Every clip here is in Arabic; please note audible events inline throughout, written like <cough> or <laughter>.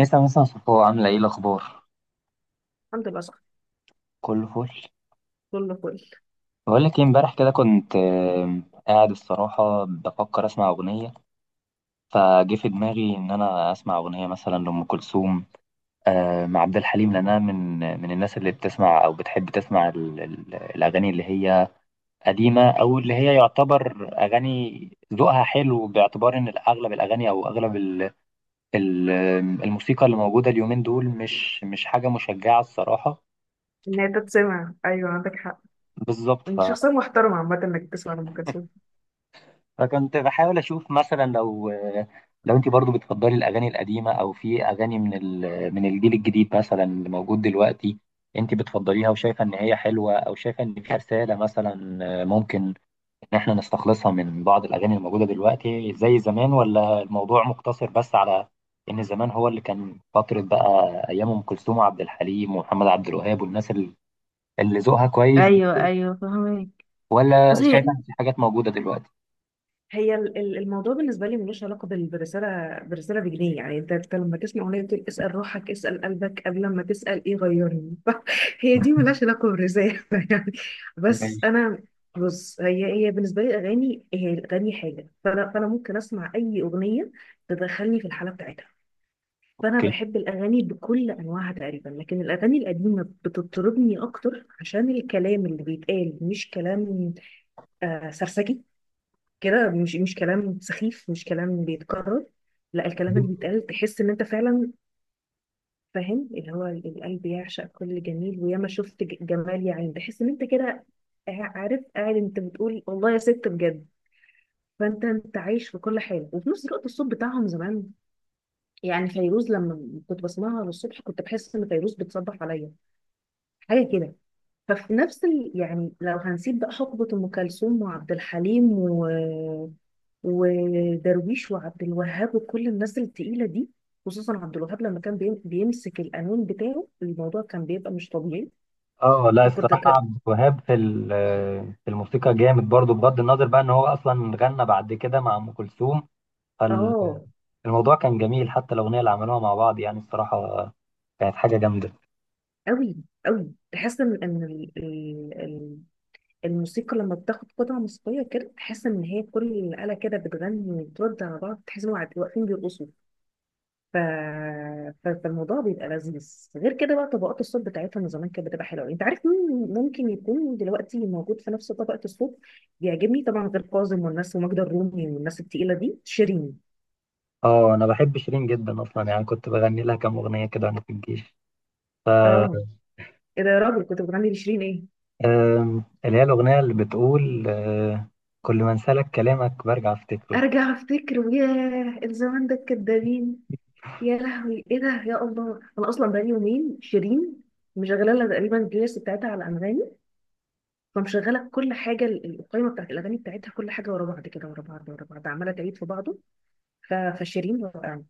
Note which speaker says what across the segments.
Speaker 1: مسا مسا صفو، عاملة ايه الأخبار؟
Speaker 2: الحمد لله صح،
Speaker 1: كله فل.
Speaker 2: كله فل.
Speaker 1: بقول لك ايه، امبارح كده كنت قاعد، الصراحة بفكر أسمع أغنية. فجه في دماغي إن أنا أسمع أغنية مثلا لأم كلثوم، مع عبد الحليم. لأن أنا من الناس اللي بتسمع أو بتحب تسمع الأغاني اللي هي قديمة، أو اللي هي يعتبر أغاني ذوقها حلو، باعتبار إن أغلب الأغاني أو أغلب ال- الموسيقى اللي موجودة اليومين دول مش حاجة مشجعة الصراحة.
Speaker 2: ان هي تتسمع ايوه عندك حق.
Speaker 1: بالظبط.
Speaker 2: انت شخصيه محترمه عامه انك تسمع لام كلثوم.
Speaker 1: فكنت بحاول اشوف مثلا، لو انت برضو بتفضلي الاغاني القديمه، او في اغاني من الجيل الجديد مثلا اللي موجود دلوقتي، انت بتفضليها وشايفه ان هي حلوه، او شايفه ان فيها رساله مثلا، ممكن ان احنا نستخلصها من بعض الاغاني اللي موجوده دلوقتي زي زمان؟ ولا الموضوع مقتصر بس على ان زمان هو اللي كان فتره بقى، ايام ام كلثوم وعبد الحليم ومحمد عبد الوهاب والناس اللي ذوقها كويس دي،
Speaker 2: ايوه فهمك. بص
Speaker 1: ولا شايفه
Speaker 2: هي
Speaker 1: ان في حاجات موجوده دلوقتي؟
Speaker 2: هي الموضوع بالنسبه لي ملوش علاقه بالرساله بالرساله بجنيه، يعني انت لما تسمع اغنيه بتقول اسال روحك اسال قلبك قبل ما تسال ايه غيرني. <laughs> هي دي ملهاش علاقه بالرساله <laughs> يعني. بس انا، بص هي بالنسبه لي الاغاني، هي الاغاني حاجه. فانا ممكن اسمع اي اغنيه تدخلني في الحاله بتاعتها. فانا
Speaker 1: أوكي.
Speaker 2: بحب الاغاني بكل انواعها تقريبا، لكن الاغاني القديمه بتطربني اكتر عشان الكلام اللي بيتقال مش كلام سرسجي كده، مش كلام سخيف، مش كلام بيتكرر. لا، الكلام اللي بيتقال تحس ان انت فعلا فاهم، اللي هو القلب يعشق كل جميل وياما شفت جمال يا عين. تحس ان انت كده عارف، قاعد انت بتقول والله يا ست بجد. فانت عايش في كل حاله، وفي نفس الوقت الصوت بتاعهم زمان. يعني فيروز لما كنت بسمعها الصبح كنت بحس ان فيروز بتصبح عليا، حاجه كده. ففي نفس يعني لو هنسيب بقى حقبه ام كلثوم وعبد الحليم ودرويش وعبد الوهاب وكل الناس التقيله دي، خصوصا عبد الوهاب لما كان بيمسك القانون بتاعه الموضوع كان بيبقى مش طبيعي.
Speaker 1: اه، لا
Speaker 2: فكنت
Speaker 1: الصراحة
Speaker 2: ك...
Speaker 1: عبد الوهاب في الموسيقى جامد برضو، بغض النظر بقى ان هو اصلا غنى بعد كده مع ام كلثوم.
Speaker 2: اه،
Speaker 1: فالموضوع كان جميل، حتى الاغنية اللي عملوها مع بعض يعني الصراحة كانت حاجة جامدة.
Speaker 2: قوي. قوي، تحس ان الموسيقى لما بتاخد قطعه موسيقيه كده تحس ان هي كل الاله كده بتغني وترد على بعض. تحس ان هم واقفين بيرقصوا. ف... فالموضوع بيبقى لذيذ. غير كده بقى طبقات الصوت بتاعتهم زمان كانت بتبقى حلوه. انت عارف مين ممكن يكون دلوقتي موجود في نفس طبقه الصوت بيعجبني طبعا؟ غير كاظم والناس وماجدة الرومي والناس التقيله دي، شيرين.
Speaker 1: اه، انا بحب شيرين جدا اصلا، يعني كنت بغني لها كام اغنية كده وانا في الجيش.
Speaker 2: اه، ايه ده يا راجل، كنت بتغني لشيرين ايه؟
Speaker 1: اللي هي الاغنية اللي بتقول، كل ما انسالك كلامك برجع افتكره.
Speaker 2: ارجع افتكر، ياه الزمان ده الكدابين. يا لهوي ايه ده، يا الله انا اصلا بقالي يومين شيرين مشغله لها تقريبا البلاي بتاعتها على انغامي. فمشغله كل حاجه، القائمه بتاعت الاغاني بتاعتها كل حاجه ورا بعض كده، ورا بعض ورا بعض، عماله تعيد في بعضه. ف- فشيرين رائعة.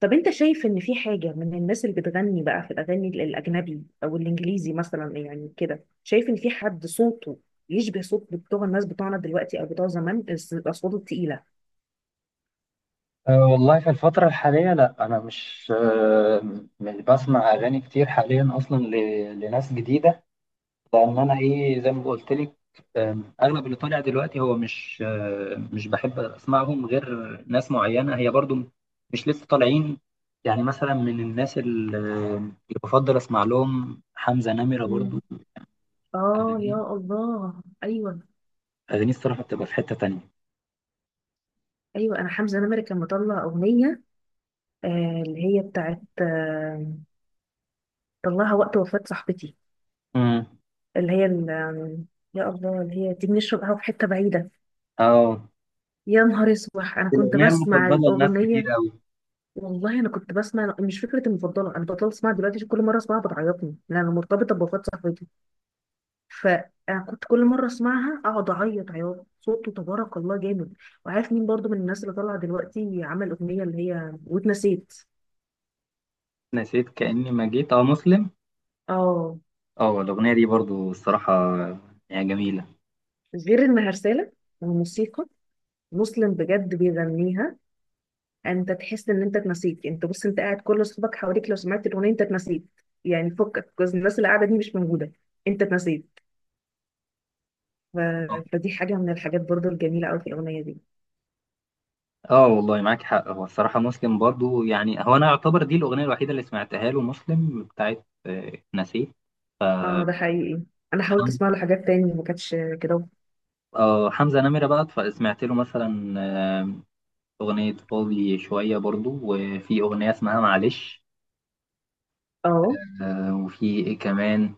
Speaker 2: طب انت شايف ان في حاجة من الناس اللي بتغني بقى في الاغاني الاجنبي او الانجليزي مثلا، يعني كده شايف ان في حد صوته يشبه صوت بتوع الناس بتوعنا دلوقتي او بتوع زمان، الاصوات التقيلة؟
Speaker 1: أه، والله في الفترة الحالية، لا أنا مش بسمع أغاني كتير حاليا أصلا لناس جديدة، لان انا ايه زي ما قلت لك. اغلب اللي طالع دلوقتي هو مش بحب اسمعهم، غير ناس معينه هي برضو مش لسه طالعين. يعني مثلا من الناس اللي بفضل اسمع لهم حمزه نمره برضو.
Speaker 2: مم. اه يا
Speaker 1: اغانيه
Speaker 2: الله، ايوه.
Speaker 1: اغانيه الصراحه بتبقى في حته تانية.
Speaker 2: ايوه، انا حمزة نمرة كان مطلع اغنية، آه اللي هي بتاعت آه، طلعها وقت وفاة صاحبتي،
Speaker 1: امم.
Speaker 2: اللي هي ال- آم، يا الله اللي هي دي، بنشرب قهوة في حتة بعيدة.
Speaker 1: اه،
Speaker 2: يا نهار اسود انا كنت
Speaker 1: الاغنيه
Speaker 2: بسمع
Speaker 1: المفضله لناس كتير
Speaker 2: الاغنية.
Speaker 1: قوي.
Speaker 2: والله انا كنت بسمع، مش فكره المفضله، انا بطلت اسمعها دلوقتي عشان كل مره اسمعها بتعيطني لان انا مرتبطه بوفاه صاحبتي. فانا كنت كل مره اسمعها اقعد اعيط عياط. صوته تبارك الله جامد. وعارف مين برضو من الناس اللي طالعه دلوقتي عمل اغنيه اللي هي واتنسيت؟
Speaker 1: نسيت كاني ما جيت. اه، مسلم.
Speaker 2: اه.
Speaker 1: اه، الاغنيه دي برضو الصراحه يعني جميله.
Speaker 2: غير انها رساله وموسيقى، مسلم بجد بيغنيها. انت تحس ان انت اتنسيت. انت بص، انت قاعد كل اصحابك حواليك، لو سمعت الاغنيه انت اتنسيت، يعني فكك الناس اللي قاعده دي مش موجوده، انت اتنسيت. ف... فدي حاجة من الحاجات برضو الجميلة أوي في الأغنية دي.
Speaker 1: اه، والله معاك حق. هو الصراحة مسلم برضو، يعني هو أنا يعتبر دي الأغنية الوحيدة اللي سمعتها له مسلم، بتاعت نسيت.
Speaker 2: اه ده حقيقي، أنا حاولت
Speaker 1: حمزة.
Speaker 2: أسمع له حاجات تاني ما كانتش كده.
Speaker 1: آه، حمزة نمرة بقى، فسمعت له مثلا آه، أغنية فاضي شوية، برضو وفي أغنية اسمها معلش.
Speaker 2: اه.
Speaker 1: وفي إيه كمان،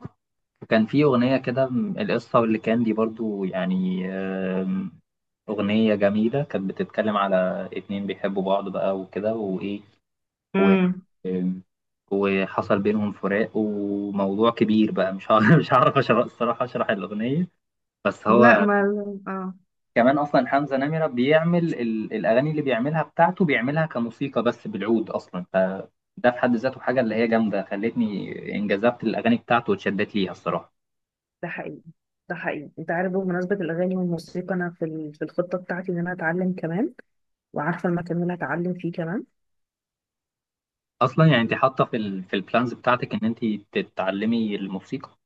Speaker 1: كان في أغنية كده القصة، واللي كان دي برضو يعني، أغنية جميلة كانت بتتكلم على اتنين بيحبوا بعض بقى وكده وإيه و...
Speaker 2: امم.
Speaker 1: وحصل بينهم فراق وموضوع كبير بقى. مش هعرف <laughs> مش هعرف أشرح الصراحة، أشرح الأغنية. بس
Speaker 2: لا
Speaker 1: هو
Speaker 2: ما. اه
Speaker 1: كمان أصلا حمزة نمرة بيعمل الأغاني اللي بيعملها، بتاعته بيعملها كموسيقى بس بالعود أصلا، فده في حد ذاته حاجة اللي هي جامدة خلتني انجذبت الأغاني بتاعته واتشدت ليها الصراحة.
Speaker 2: ده حقيقي. ده حقيقي، انت عارف بمناسبة الأغاني والموسيقى أنا في ال- في الخطة بتاعتي إن أنا أتعلم كمان وعارفة المكان اللي هتعلم فيه كمان
Speaker 1: أصلا يعني أنت حاطة في البلانز بتاعتك إن أنت تتعلمي الموسيقى.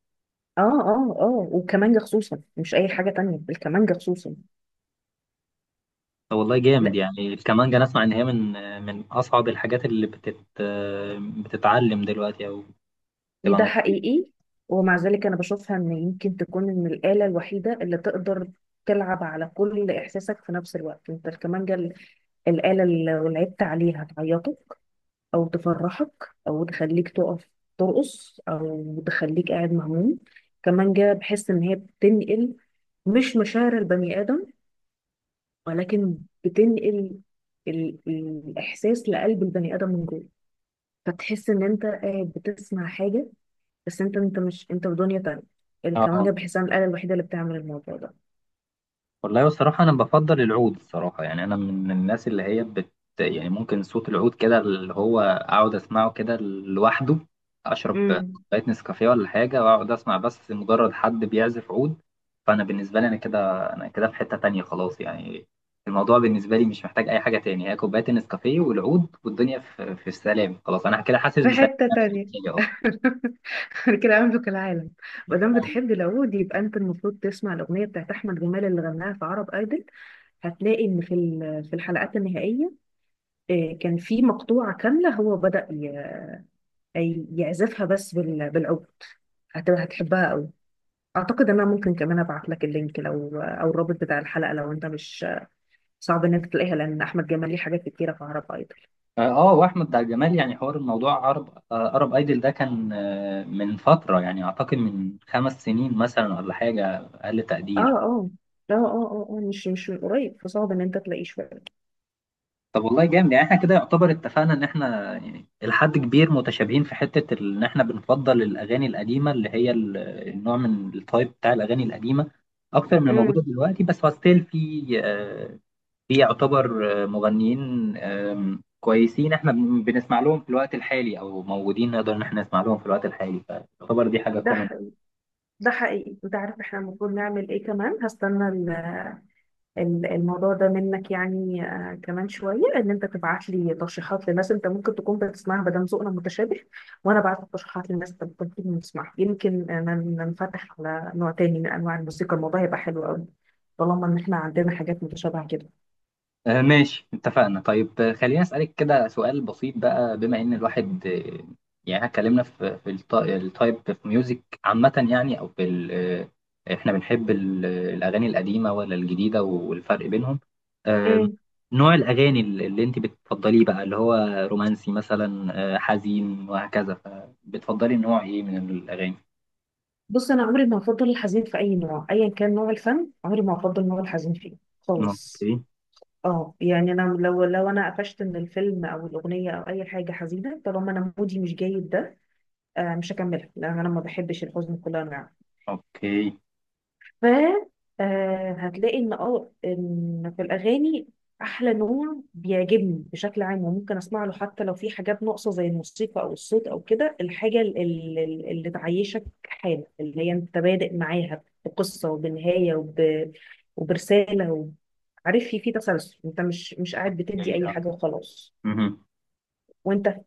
Speaker 2: اه اه اه والكمانجة خصوصا مش أي حاجة تانية الكمانجة خصوصا
Speaker 1: طب والله جامد، يعني الكمانجة أنا أسمع إن هي من أصعب الحاجات اللي بتتعلم دلوقتي أو
Speaker 2: ده
Speaker 1: تبقى.
Speaker 2: حقيقي ومع ذلك أنا بشوفها إن يمكن تكون إن الآلة الوحيدة اللي تقدر تلعب على كل إحساسك في نفس الوقت أنت الكمانجة ال- الآلة اللي لو لعبت عليها تعيطك أو تفرحك أو تخليك تقف ترقص أو تخليك قاعد مهموم كمانجة بحس إن هي بتنقل مش مشاعر البني آدم ولكن بتنقل ال- الإحساس لقلب البني آدم من جوه فتحس إن أنت قاعد بتسمع حاجة بس انت انت مش انت في دنيا تانية
Speaker 1: اه،
Speaker 2: الكمانجة بحسها الآلة الوحيدة اللي بتعمل الموضوع ده
Speaker 1: والله الصراحة أنا بفضل العود الصراحة، يعني أنا من الناس اللي هي يعني ممكن صوت العود كده، اللي هو أقعد أسمعه كده لوحده، أشرب
Speaker 2: امم
Speaker 1: كوباية نسكافيه ولا حاجة وأقعد أسمع، بس مجرد حد بيعزف عود. فأنا بالنسبة لي أنا كده في حتة تانية خلاص يعني. الموضوع بالنسبة لي مش محتاج أي حاجة تاني، هي كوباية النسكافيه والعود والدنيا في السلام، خلاص أنا كده حاسس
Speaker 2: في
Speaker 1: بسلام
Speaker 2: حتة
Speaker 1: نفسي
Speaker 2: تانية
Speaker 1: أصلا.
Speaker 2: <laughs> كده أملك العالم مادام بتحب العود يبقى انت المفروض تسمع الأغنية بتاعت أحمد جمال اللي غناها في عرب ايدل هتلاقي ان في ال- في الحلقات النهائية آه، كان في مقطوعة كاملة هو بدأ ي- أي- يعزفها بس بال- بالعود هتبقى هتحبها قوي اعتقد ان انا ممكن كمان ابعت لك اللينك لو آه، او الرابط بتاع الحلقة لو انت مش صعب ان انت تلاقيها لان احمد جمال ليه حاجات كتيره في عرب ايدل
Speaker 1: اه، واحمد بتاع الجمال يعني، حوار الموضوع عرب ايدل ده كان، من فتره يعني، اعتقد من 5 سنين مثلا ولا حاجه اقل
Speaker 2: اه
Speaker 1: تقدير.
Speaker 2: اه اه اه اه آه، مش مش من قريب فصعب ان انت تلاقيه شويه
Speaker 1: طب والله جامد، يعني احنا كده يعتبر اتفقنا ان احنا يعني لحد كبير متشابهين في حته ان احنا بنفضل الاغاني القديمه، اللي هي النوع من التايب بتاع الاغاني القديمه، اكتر من الموجوده
Speaker 2: امم
Speaker 1: دلوقتي، بس هو ستيل في يعتبر مغنيين كويسين، احنا بنسمع لهم في الوقت الحالي، او موجودين نقدر ان احنا نسمع لهم في الوقت الحالي، فيعتبر دي حاجة
Speaker 2: ده
Speaker 1: كومن.
Speaker 2: ح- ده حقيقي انت عارف احنا المفروض نعمل ايه كمان؟ هستنى الموضوع ده منك، يعني آه، كمان شويه ان انت تبعت لي ترشيحات لناس انت ممكن تكون بتسمعها بدل ذوقنا متشابه، وانا بعت ترشيحات للناس انت ممكن تكون بتسمعها، يمكن ننفتح على نوع تاني من انواع الموسيقى. الموضوع هيبقى حلو قوي طالما ان احنا عندنا حاجات متشابهه كده.
Speaker 1: ماشي اتفقنا. طيب خليني أسألك كده سؤال بسيط، بقى بما إن الواحد، يعني إحنا اتكلمنا في التايب في ميوزك عامة يعني، أو في ال- آه، إحنا بنحب الأغاني القديمة ولا الجديدة والفرق بينهم، آم، نوع الأغاني اللي أنت بتفضليه بقى، اللي هو رومانسي مثلا، حزين وهكذا، فبتفضلي نوع إيه من الأغاني؟
Speaker 2: بص انا عمري ما هفضل الحزين في اي نوع، ايا كان نوع الفن عمري ما هفضل نوع الحزين فيه خالص.
Speaker 1: أوكي،
Speaker 2: اه يعني انا لو، لو انا قفشت من الفيلم او الاغنيه او اي حاجه حزينه طالما انا مودي مش جيد ده، آه مش هكملها لان انا ما بحبش الحزن بكل انواعه.
Speaker 1: أوكي،
Speaker 2: ف آه، هتلاقي ان اه ان في الاغاني احلى نوع بيعجبني بشكل عام وممكن اسمع له حتى لو في حاجات ناقصه زي الموسيقى او الصوت او كده، الحاجه اللي تعيشك حاله، اللي هي انت بادئ معاها بقصه وبنهايه وبرساله عارف، في في تسلسل، انت مش قاعد
Speaker 1: أوكي،
Speaker 2: بتدي اي
Speaker 1: آه.
Speaker 2: حاجه وخلاص.
Speaker 1: مهم.
Speaker 2: وانت؟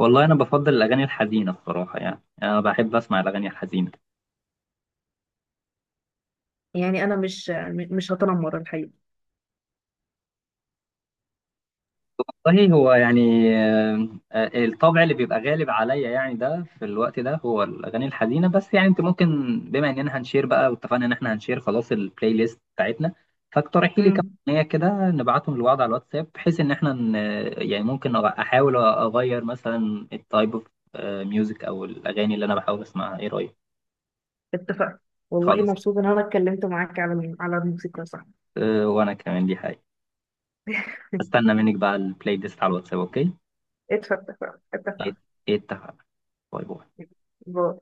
Speaker 1: والله انا بفضل الاغاني الحزينه الصراحه، يعني انا بحب اسمع الاغاني الحزينه.
Speaker 2: يعني انا مش هتنمر الحقيقه.
Speaker 1: صحيح هو يعني، الطبع اللي بيبقى غالب عليا يعني، ده في الوقت ده هو الاغاني الحزينه، بس يعني انت ممكن، بما اننا هنشير بقى واتفقنا ان احنا هنشير خلاص البلاي ليست بتاعتنا، فاقترحي لي كام
Speaker 2: امم.
Speaker 1: اغنيه كده نبعتهم لبعض على الواتساب، بحيث ان احنا يعني ممكن احاول اغير مثلا التايب اوف ميوزك، او الاغاني اللي انا بحاول اسمعها، ايه رايك؟
Speaker 2: اتفقنا. والله
Speaker 1: خلاص،
Speaker 2: مبسوطه ان انا اتكلمت معاك على على الموسيقى، صح.
Speaker 1: وانا كمان دي حاجه
Speaker 2: <laughs>
Speaker 1: استنى منك بقى البلاي ليست على الواتساب، اوكي.
Speaker 2: اتفقنا اتفقنا.
Speaker 1: اتفق. باي باي.
Speaker 2: باي.